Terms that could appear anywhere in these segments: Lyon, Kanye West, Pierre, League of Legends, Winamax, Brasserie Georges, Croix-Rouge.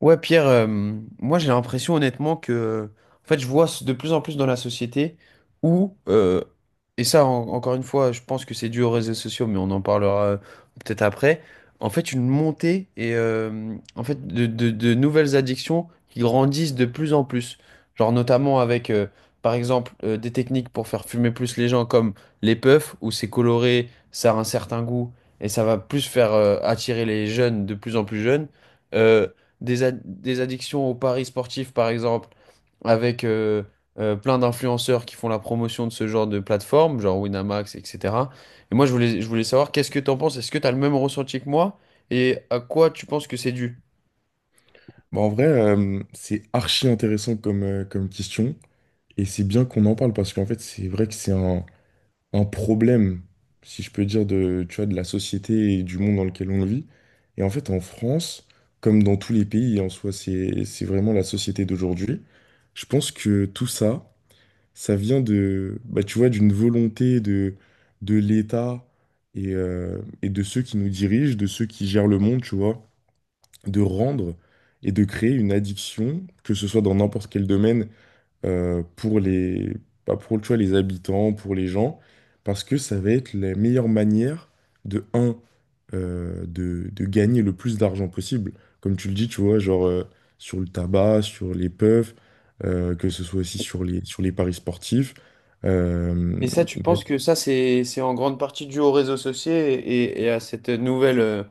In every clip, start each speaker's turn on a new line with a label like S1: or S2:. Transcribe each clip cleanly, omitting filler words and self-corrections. S1: Ouais, Pierre, moi j'ai l'impression honnêtement en fait, je vois de plus en plus dans la société où, et ça encore une fois, je pense que c'est dû aux réseaux sociaux, mais on en parlera peut-être après, en fait, une montée et en fait de nouvelles addictions qui grandissent de plus en plus. Genre notamment avec, par exemple, des techniques pour faire fumer plus les gens comme les puffs, où c'est coloré, ça a un certain goût, et ça va plus faire attirer les jeunes de plus en plus jeunes. Euh, des addictions aux paris sportifs, par exemple, avec plein d'influenceurs qui font la promotion de ce genre de plateforme, genre Winamax, etc. Et moi, je voulais savoir, qu'est-ce que tu en penses? Est-ce que tu as le même ressenti que moi? Et à quoi tu penses que c'est dû?
S2: Bah, en vrai, c'est archi intéressant comme, comme question. Et c'est bien qu'on en parle parce qu'en fait, c'est vrai que c'est un problème, si je peux dire, de, tu vois, de la société et du monde dans lequel on vit. Et en fait, en France, comme dans tous les pays, en soi, c'est vraiment la société d'aujourd'hui. Je pense que tout ça, ça vient de, bah, tu vois, d'une volonté de l'État et de ceux qui nous dirigent, de ceux qui gèrent le monde, tu vois, de rendre et de créer une addiction, que ce soit dans n'importe quel domaine, pour les, bah, pour, tu vois, les habitants, pour les gens, parce que ça va être la meilleure manière de, un, de gagner le plus d'argent possible. Comme tu le dis, tu vois, genre sur le tabac, sur les puffs, que ce soit aussi sur les paris sportifs. Euh,
S1: Et ça, tu penses que ça, c'est en grande partie dû aux réseaux sociaux et, et à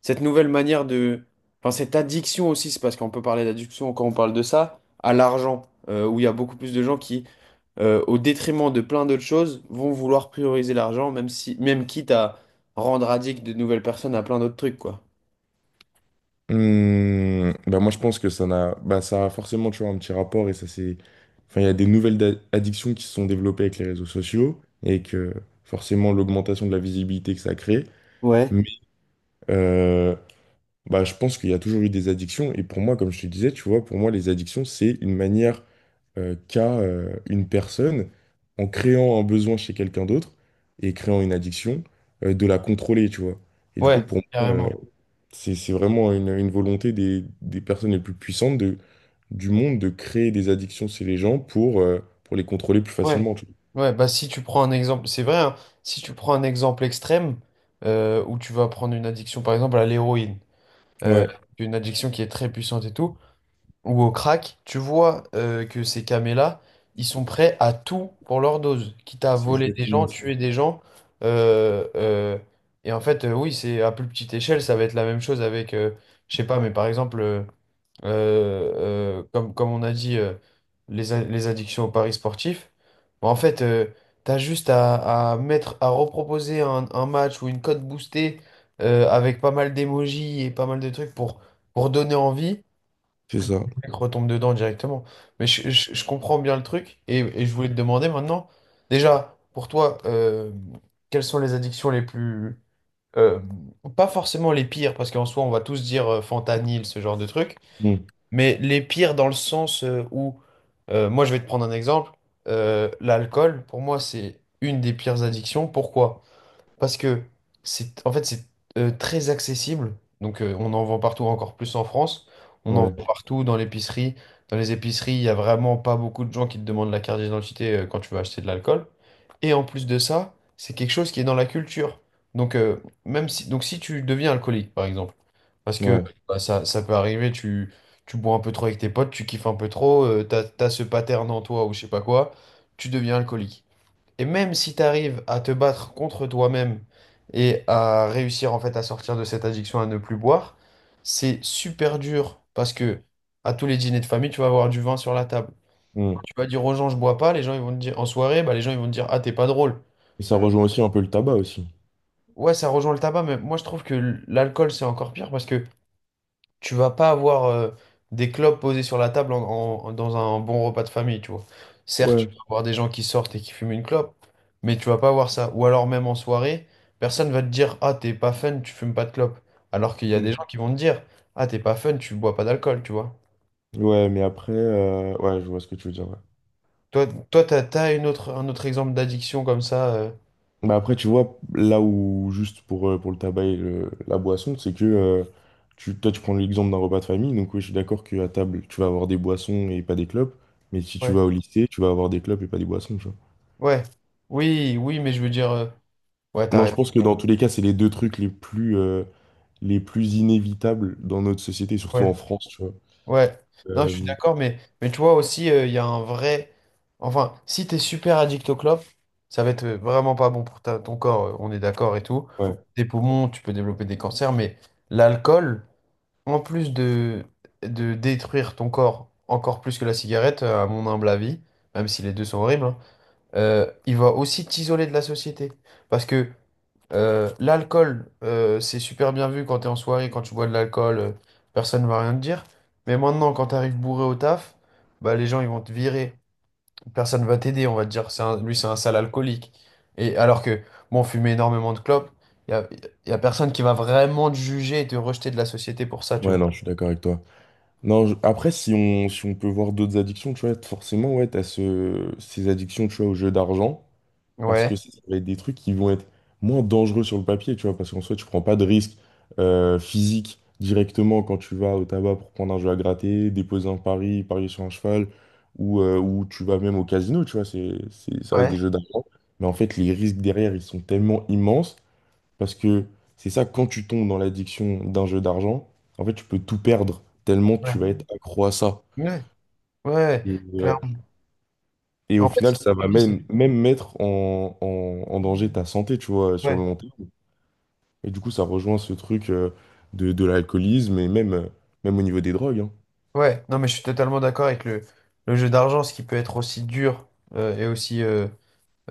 S1: cette nouvelle manière de... Enfin, cette addiction aussi, c'est parce qu'on peut parler d'addiction quand on parle de ça, à l'argent, où il y a beaucoup plus de gens qui au détriment de plein d'autres choses, vont vouloir prioriser l'argent, même si, même quitte à rendre addict de nouvelles personnes à plein d'autres trucs, quoi.
S2: Hmm, bah moi je pense que ça n'a, bah ça a forcément, tu vois, un petit rapport, et ça c'est, enfin il y a des nouvelles addictions qui se sont développées avec les réseaux sociaux et que forcément l'augmentation de la visibilité que ça crée.
S1: Ouais.
S2: Mais euh, bah je pense qu'il y a toujours eu des addictions, et pour moi, comme je te disais, tu vois, pour moi les addictions c'est une manière qu'a une personne, en créant un besoin chez quelqu'un d'autre et créant une addiction, de la contrôler, tu vois. Et du coup,
S1: Ouais,
S2: pour moi,
S1: carrément.
S2: c'est vraiment une volonté des personnes les plus puissantes de, du monde, de créer des addictions chez les gens pour les contrôler plus
S1: Ouais.
S2: facilement, tu
S1: Ouais, bah si tu prends un exemple, c'est vrai, hein, si tu prends un exemple extrême où tu vas prendre une addiction, par exemple, à l'héroïne,
S2: vois.
S1: euh,
S2: Ouais,
S1: une addiction qui est très puissante et tout, ou au crack, tu vois que ces camés-là, ils sont prêts à tout pour leur dose, quitte à
S2: c'est
S1: voler des
S2: exactement
S1: gens,
S2: ça.
S1: tuer des gens. euh, euh, et en fait, oui, c'est à plus petite échelle, ça va être la même chose avec, je sais pas, mais par exemple, comme on a dit, les addictions aux paris sportifs. Bah, en fait, t'as juste à mettre, à reproposer un match ou une cote boostée avec pas mal d'émojis et pas mal de trucs pour donner envie.
S2: C'est
S1: Le
S2: ça.
S1: mec retombe dedans directement. Mais je comprends bien le truc et je voulais te demander maintenant, déjà, pour toi, quelles sont les addictions les plus... euh, pas forcément les pires, parce qu'en soi, on va tous dire fentanyl, ce genre de truc,
S2: Mm.
S1: mais les pires dans le sens où, moi, je vais te prendre un exemple, l'alcool, pour moi, c'est une des pires addictions. Pourquoi? Parce que c'est en fait c'est très accessible. Donc on en vend partout, encore plus en France. On en
S2: Ouais,
S1: vend partout dans l'épicerie. Dans les épiceries, il n'y a vraiment pas beaucoup de gens qui te demandent la carte d'identité quand tu vas acheter de l'alcool. Et en plus de ça, c'est quelque chose qui est dans la culture. Donc si tu deviens alcoolique par exemple, parce que
S2: ouais.
S1: bah, ça peut arriver, tu bois un peu trop avec tes potes, tu kiffes un peu trop, t'as ce pattern en toi ou je sais pas quoi, tu deviens alcoolique. Et même si tu arrives à te battre contre toi-même et à réussir en fait à sortir de cette addiction à ne plus boire, c'est super dur parce que à tous les dîners de famille, tu vas avoir du vin sur la table.
S2: Mm.
S1: Tu vas dire aux gens je bois pas, les gens ils vont te dire en soirée, bah les gens ils vont te dire ah t'es pas drôle.
S2: Et ça rejoint aussi un peu le tabac aussi.
S1: Ouais, ça rejoint le tabac, mais moi je trouve que l'alcool c'est encore pire parce que tu vas pas avoir des clopes posées sur la table dans un bon repas de famille, tu vois. Certes, tu
S2: Ouais.
S1: vas avoir des gens qui sortent et qui fument une clope, mais tu vas pas avoir ça. Ou alors même en soirée, personne va te dire, ah, t'es pas fun, tu fumes pas de clope. Alors qu'il y a des gens
S2: Mm.
S1: qui vont te dire, ah, t'es pas fun, tu bois pas d'alcool, tu vois.
S2: Ouais, mais après, ouais, je vois ce que tu veux dire, ouais.
S1: Toi, toi, t'as une autre, un autre exemple d'addiction comme ça. Euh.
S2: Bah après, tu vois, là où, juste pour le tabac et la boisson, c'est que tu, toi, tu prends l'exemple d'un repas de famille. Donc, oui, je suis d'accord qu'à table, tu vas avoir des boissons et pas des clopes. Mais si tu
S1: Ouais.
S2: vas au, mm, lycée, tu vas avoir des clopes et pas des boissons, tu vois.
S1: Ouais. Oui, oui, mais je veux dire, ouais,
S2: Non, je
S1: t'arrêtes.
S2: pense que dans tous les cas, c'est les deux trucs les plus inévitables dans notre société, surtout en France, tu vois.
S1: Ouais, non, je suis
S2: Euh,
S1: d'accord, mais tu vois aussi, il y a un vrai. Enfin, si t'es super addict au clopes, ça va être vraiment pas bon pour ton corps, on est d'accord et tout.
S2: ouais.
S1: Tes poumons, tu peux développer des cancers, mais l'alcool, en plus de détruire ton corps encore plus que la cigarette, à mon humble avis, même si les deux sont horribles, hein, il va aussi t'isoler de la société. Parce que l'alcool, c'est super bien vu quand t'es en soirée, quand tu bois de l'alcool, personne ne va rien te dire. Mais maintenant, quand t'arrives bourré au taf, bah, les gens ils vont te virer. Personne va t'aider, on va te dire, lui c'est un sale alcoolique. Et alors que, bon, fumer énormément de clopes, il y a, y a personne qui va vraiment te juger et te rejeter de la société pour ça, tu
S2: Ouais,
S1: vois.
S2: non, je suis d'accord avec toi. Non, après, si on, si on peut voir d'autres addictions, tu vois, forcément, ouais, t'as ce, ces addictions, tu vois, au jeu d'argent. Parce que
S1: Ouais,
S2: ça va être des trucs qui vont être moins dangereux sur le papier, tu vois, parce qu'en soit tu prends pas de risque physique directement quand tu vas au tabac pour prendre un jeu à gratter, déposer un pari, parier sur un cheval, ou tu vas même au casino, tu vois, c'est, ça reste des
S1: ouais,
S2: jeux d'argent. Mais en fait, les risques derrière, ils sont tellement immenses, parce que c'est ça, quand tu tombes dans l'addiction d'un jeu d'argent, en fait, tu peux tout perdre, tellement tu
S1: ouais,
S2: vas être accro à ça.
S1: ouais, ouais,
S2: Et, ouais,
S1: clairement.
S2: et au
S1: En fait, c'est
S2: final,
S1: ce que
S2: ça
S1: tu
S2: va
S1: dis,
S2: même, même mettre en, en danger ta santé, tu vois, sur le
S1: ouais,
S2: long terme. Et du coup, ça rejoint ce truc de l'alcoolisme et même, même au niveau des drogues, hein.
S1: ouais. Non, mais je suis totalement d'accord avec le jeu d'argent, ce qui peut être aussi dur et aussi.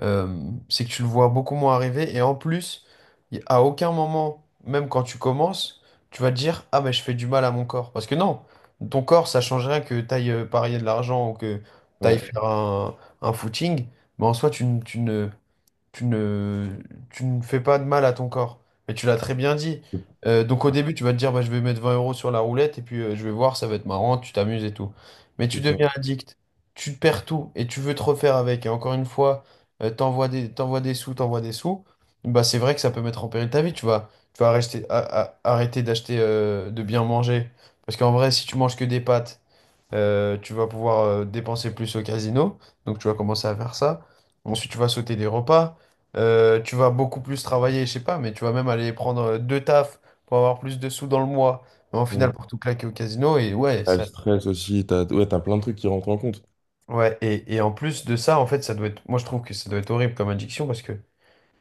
S1: C'est que tu le vois beaucoup moins arriver. Et en plus, à aucun moment, même quand tu commences, tu vas te dire, ah, mais je fais du mal à mon corps. Parce que non, ton corps, ça change rien que t'ailles parier de l'argent ou que t'ailles
S2: Ouais,
S1: faire un footing. Mais en soi, tu ne, tu ne fais pas de mal à ton corps. Mais tu l'as très bien dit. Donc au début, tu vas te dire, bah, je vais mettre 20 euros sur la roulette et puis je vais voir, ça va être marrant, tu t'amuses et tout. Mais tu
S2: c'est ça.
S1: deviens addict, tu te perds tout et tu veux te refaire avec. Et encore une fois, t'envoies des sous. Bah, c'est vrai que ça peut mettre en péril ta vie. Tu vas arrêter, arrêter d'acheter, de bien manger. Parce qu'en vrai, si tu manges que des pâtes, tu vas pouvoir dépenser plus au casino, donc tu vas commencer à faire ça. Ensuite, tu vas sauter des repas. Tu vas beaucoup plus travailler, je sais pas, mais tu vas même aller prendre deux tafs pour avoir plus de sous dans le mois. Mais en
S2: Mm.
S1: final, pour tout claquer au casino, et ouais,
S2: T'as le
S1: ça.
S2: stress aussi, t'as, ouais, t'as plein de trucs qui rentrent en compte.
S1: Ouais, et en plus de ça, en fait, ça doit être. Moi, je trouve que ça doit être horrible comme addiction parce que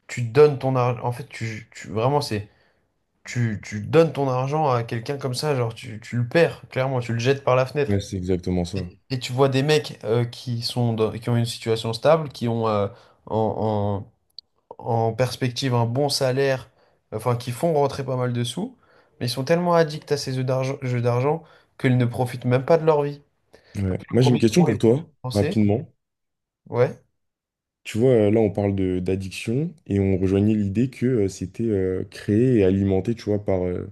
S1: tu donnes ton argent. En fait, vraiment, c'est. Tu donnes ton argent à quelqu'un comme ça, genre, tu le perds, clairement, tu le jettes par la
S2: Ouais,
S1: fenêtre.
S2: c'est exactement ça.
S1: Et tu vois des mecs qui sont qui ont une situation stable, qui ont en, en- en perspective un bon salaire, enfin qui font rentrer pas mal de sous, mais ils sont tellement addicts à ces jeux d'argent qu'ils ne profitent même pas de leur vie. Parce
S2: Ouais.
S1: que le
S2: Moi, j'ai une
S1: premier
S2: question
S1: mois,
S2: pour
S1: ils peuvent tout
S2: toi,
S1: dépenser,
S2: rapidement.
S1: ouais.
S2: Tu vois, là, on parle de d'addiction et on rejoignait l'idée que c'était créé et alimenté, tu vois, par,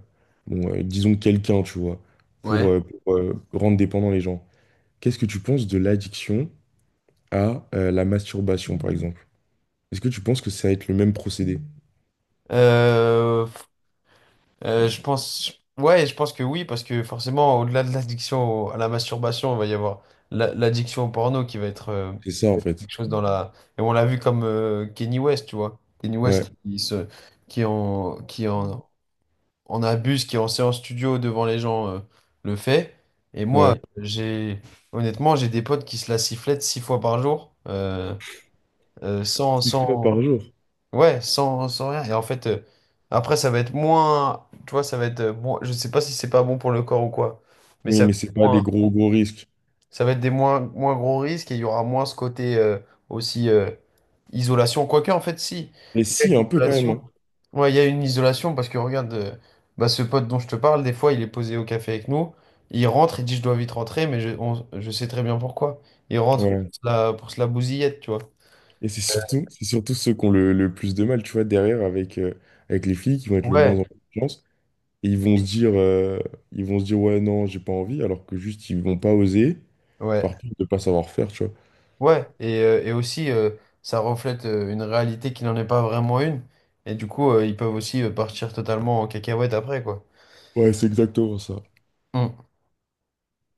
S2: bon, disons, quelqu'un, tu vois,
S1: Ouais.
S2: pour, rendre dépendant les gens. Qu'est-ce que tu penses de l'addiction à la masturbation, par exemple? Est-ce que tu penses que ça va être le même procédé?
S1: Euh, Euh, je pense, ouais, je pense que oui, parce que forcément, au-delà de l'addiction à la masturbation, il va y avoir l'addiction au porno qui va être
S2: C'est ça, en
S1: quelque
S2: fait.
S1: chose dans la. Et on l'a vu comme Kanye West, tu vois. Kanye
S2: Ouais,
S1: West qui se, qui en, en abuse, qui en séance studio devant les gens le fait. Et moi,
S2: ouais.
S1: honnêtement, j'ai des potes qui se la sifflettent 6 fois par jour, sans,
S2: Six fois
S1: sans,
S2: par jour.
S1: ouais, sans, sans rien. Et en fait, après, ça va être moins. Tu vois, ça va être. Je sais pas si c'est pas bon pour le corps ou quoi. Mais
S2: Oui,
S1: ça va
S2: mais
S1: être
S2: c'est pas
S1: moins,
S2: des gros, gros risques.
S1: ça va être des moins, moins gros risques et il y aura moins ce côté aussi isolation. Quoique, en fait, si.
S2: Mais
S1: Il y a
S2: si,
S1: une
S2: un peu quand même,
S1: isolation.
S2: hein.
S1: Ouais, il y a une isolation parce que regarde, bah, ce pote dont je te parle, des fois, il est posé au café avec nous. Il rentre, il dit je dois vite rentrer, mais je sais très bien pourquoi. Il rentre
S2: Ouais.
S1: pour se la bousillette, tu vois.
S2: Et c'est surtout ceux qui ont le plus de mal, tu vois, derrière avec, avec les filles qui vont être le moins
S1: Ouais.
S2: en confiance. Et ils vont se dire, ils vont se dire, ouais, non, j'ai pas envie, alors que juste, ils vont pas oser
S1: Ouais.
S2: par peur de pas savoir faire, tu vois.
S1: Ouais, et aussi, ça reflète une réalité qui n'en est pas vraiment une. Et du coup, ils peuvent aussi partir totalement en cacahuète après, quoi.
S2: Ouais, c'est exactement ça.
S1: Mm.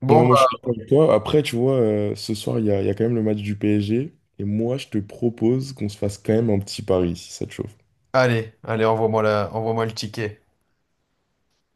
S1: Bon,
S2: Non, moi je
S1: bah,
S2: suis d'accord avec toi. Après, tu vois, ce soir, il y a quand même le match du PSG. Et moi, je te propose qu'on se fasse quand même un petit pari, si ça te chauffe.
S1: allez, allez, envoie-moi le ticket.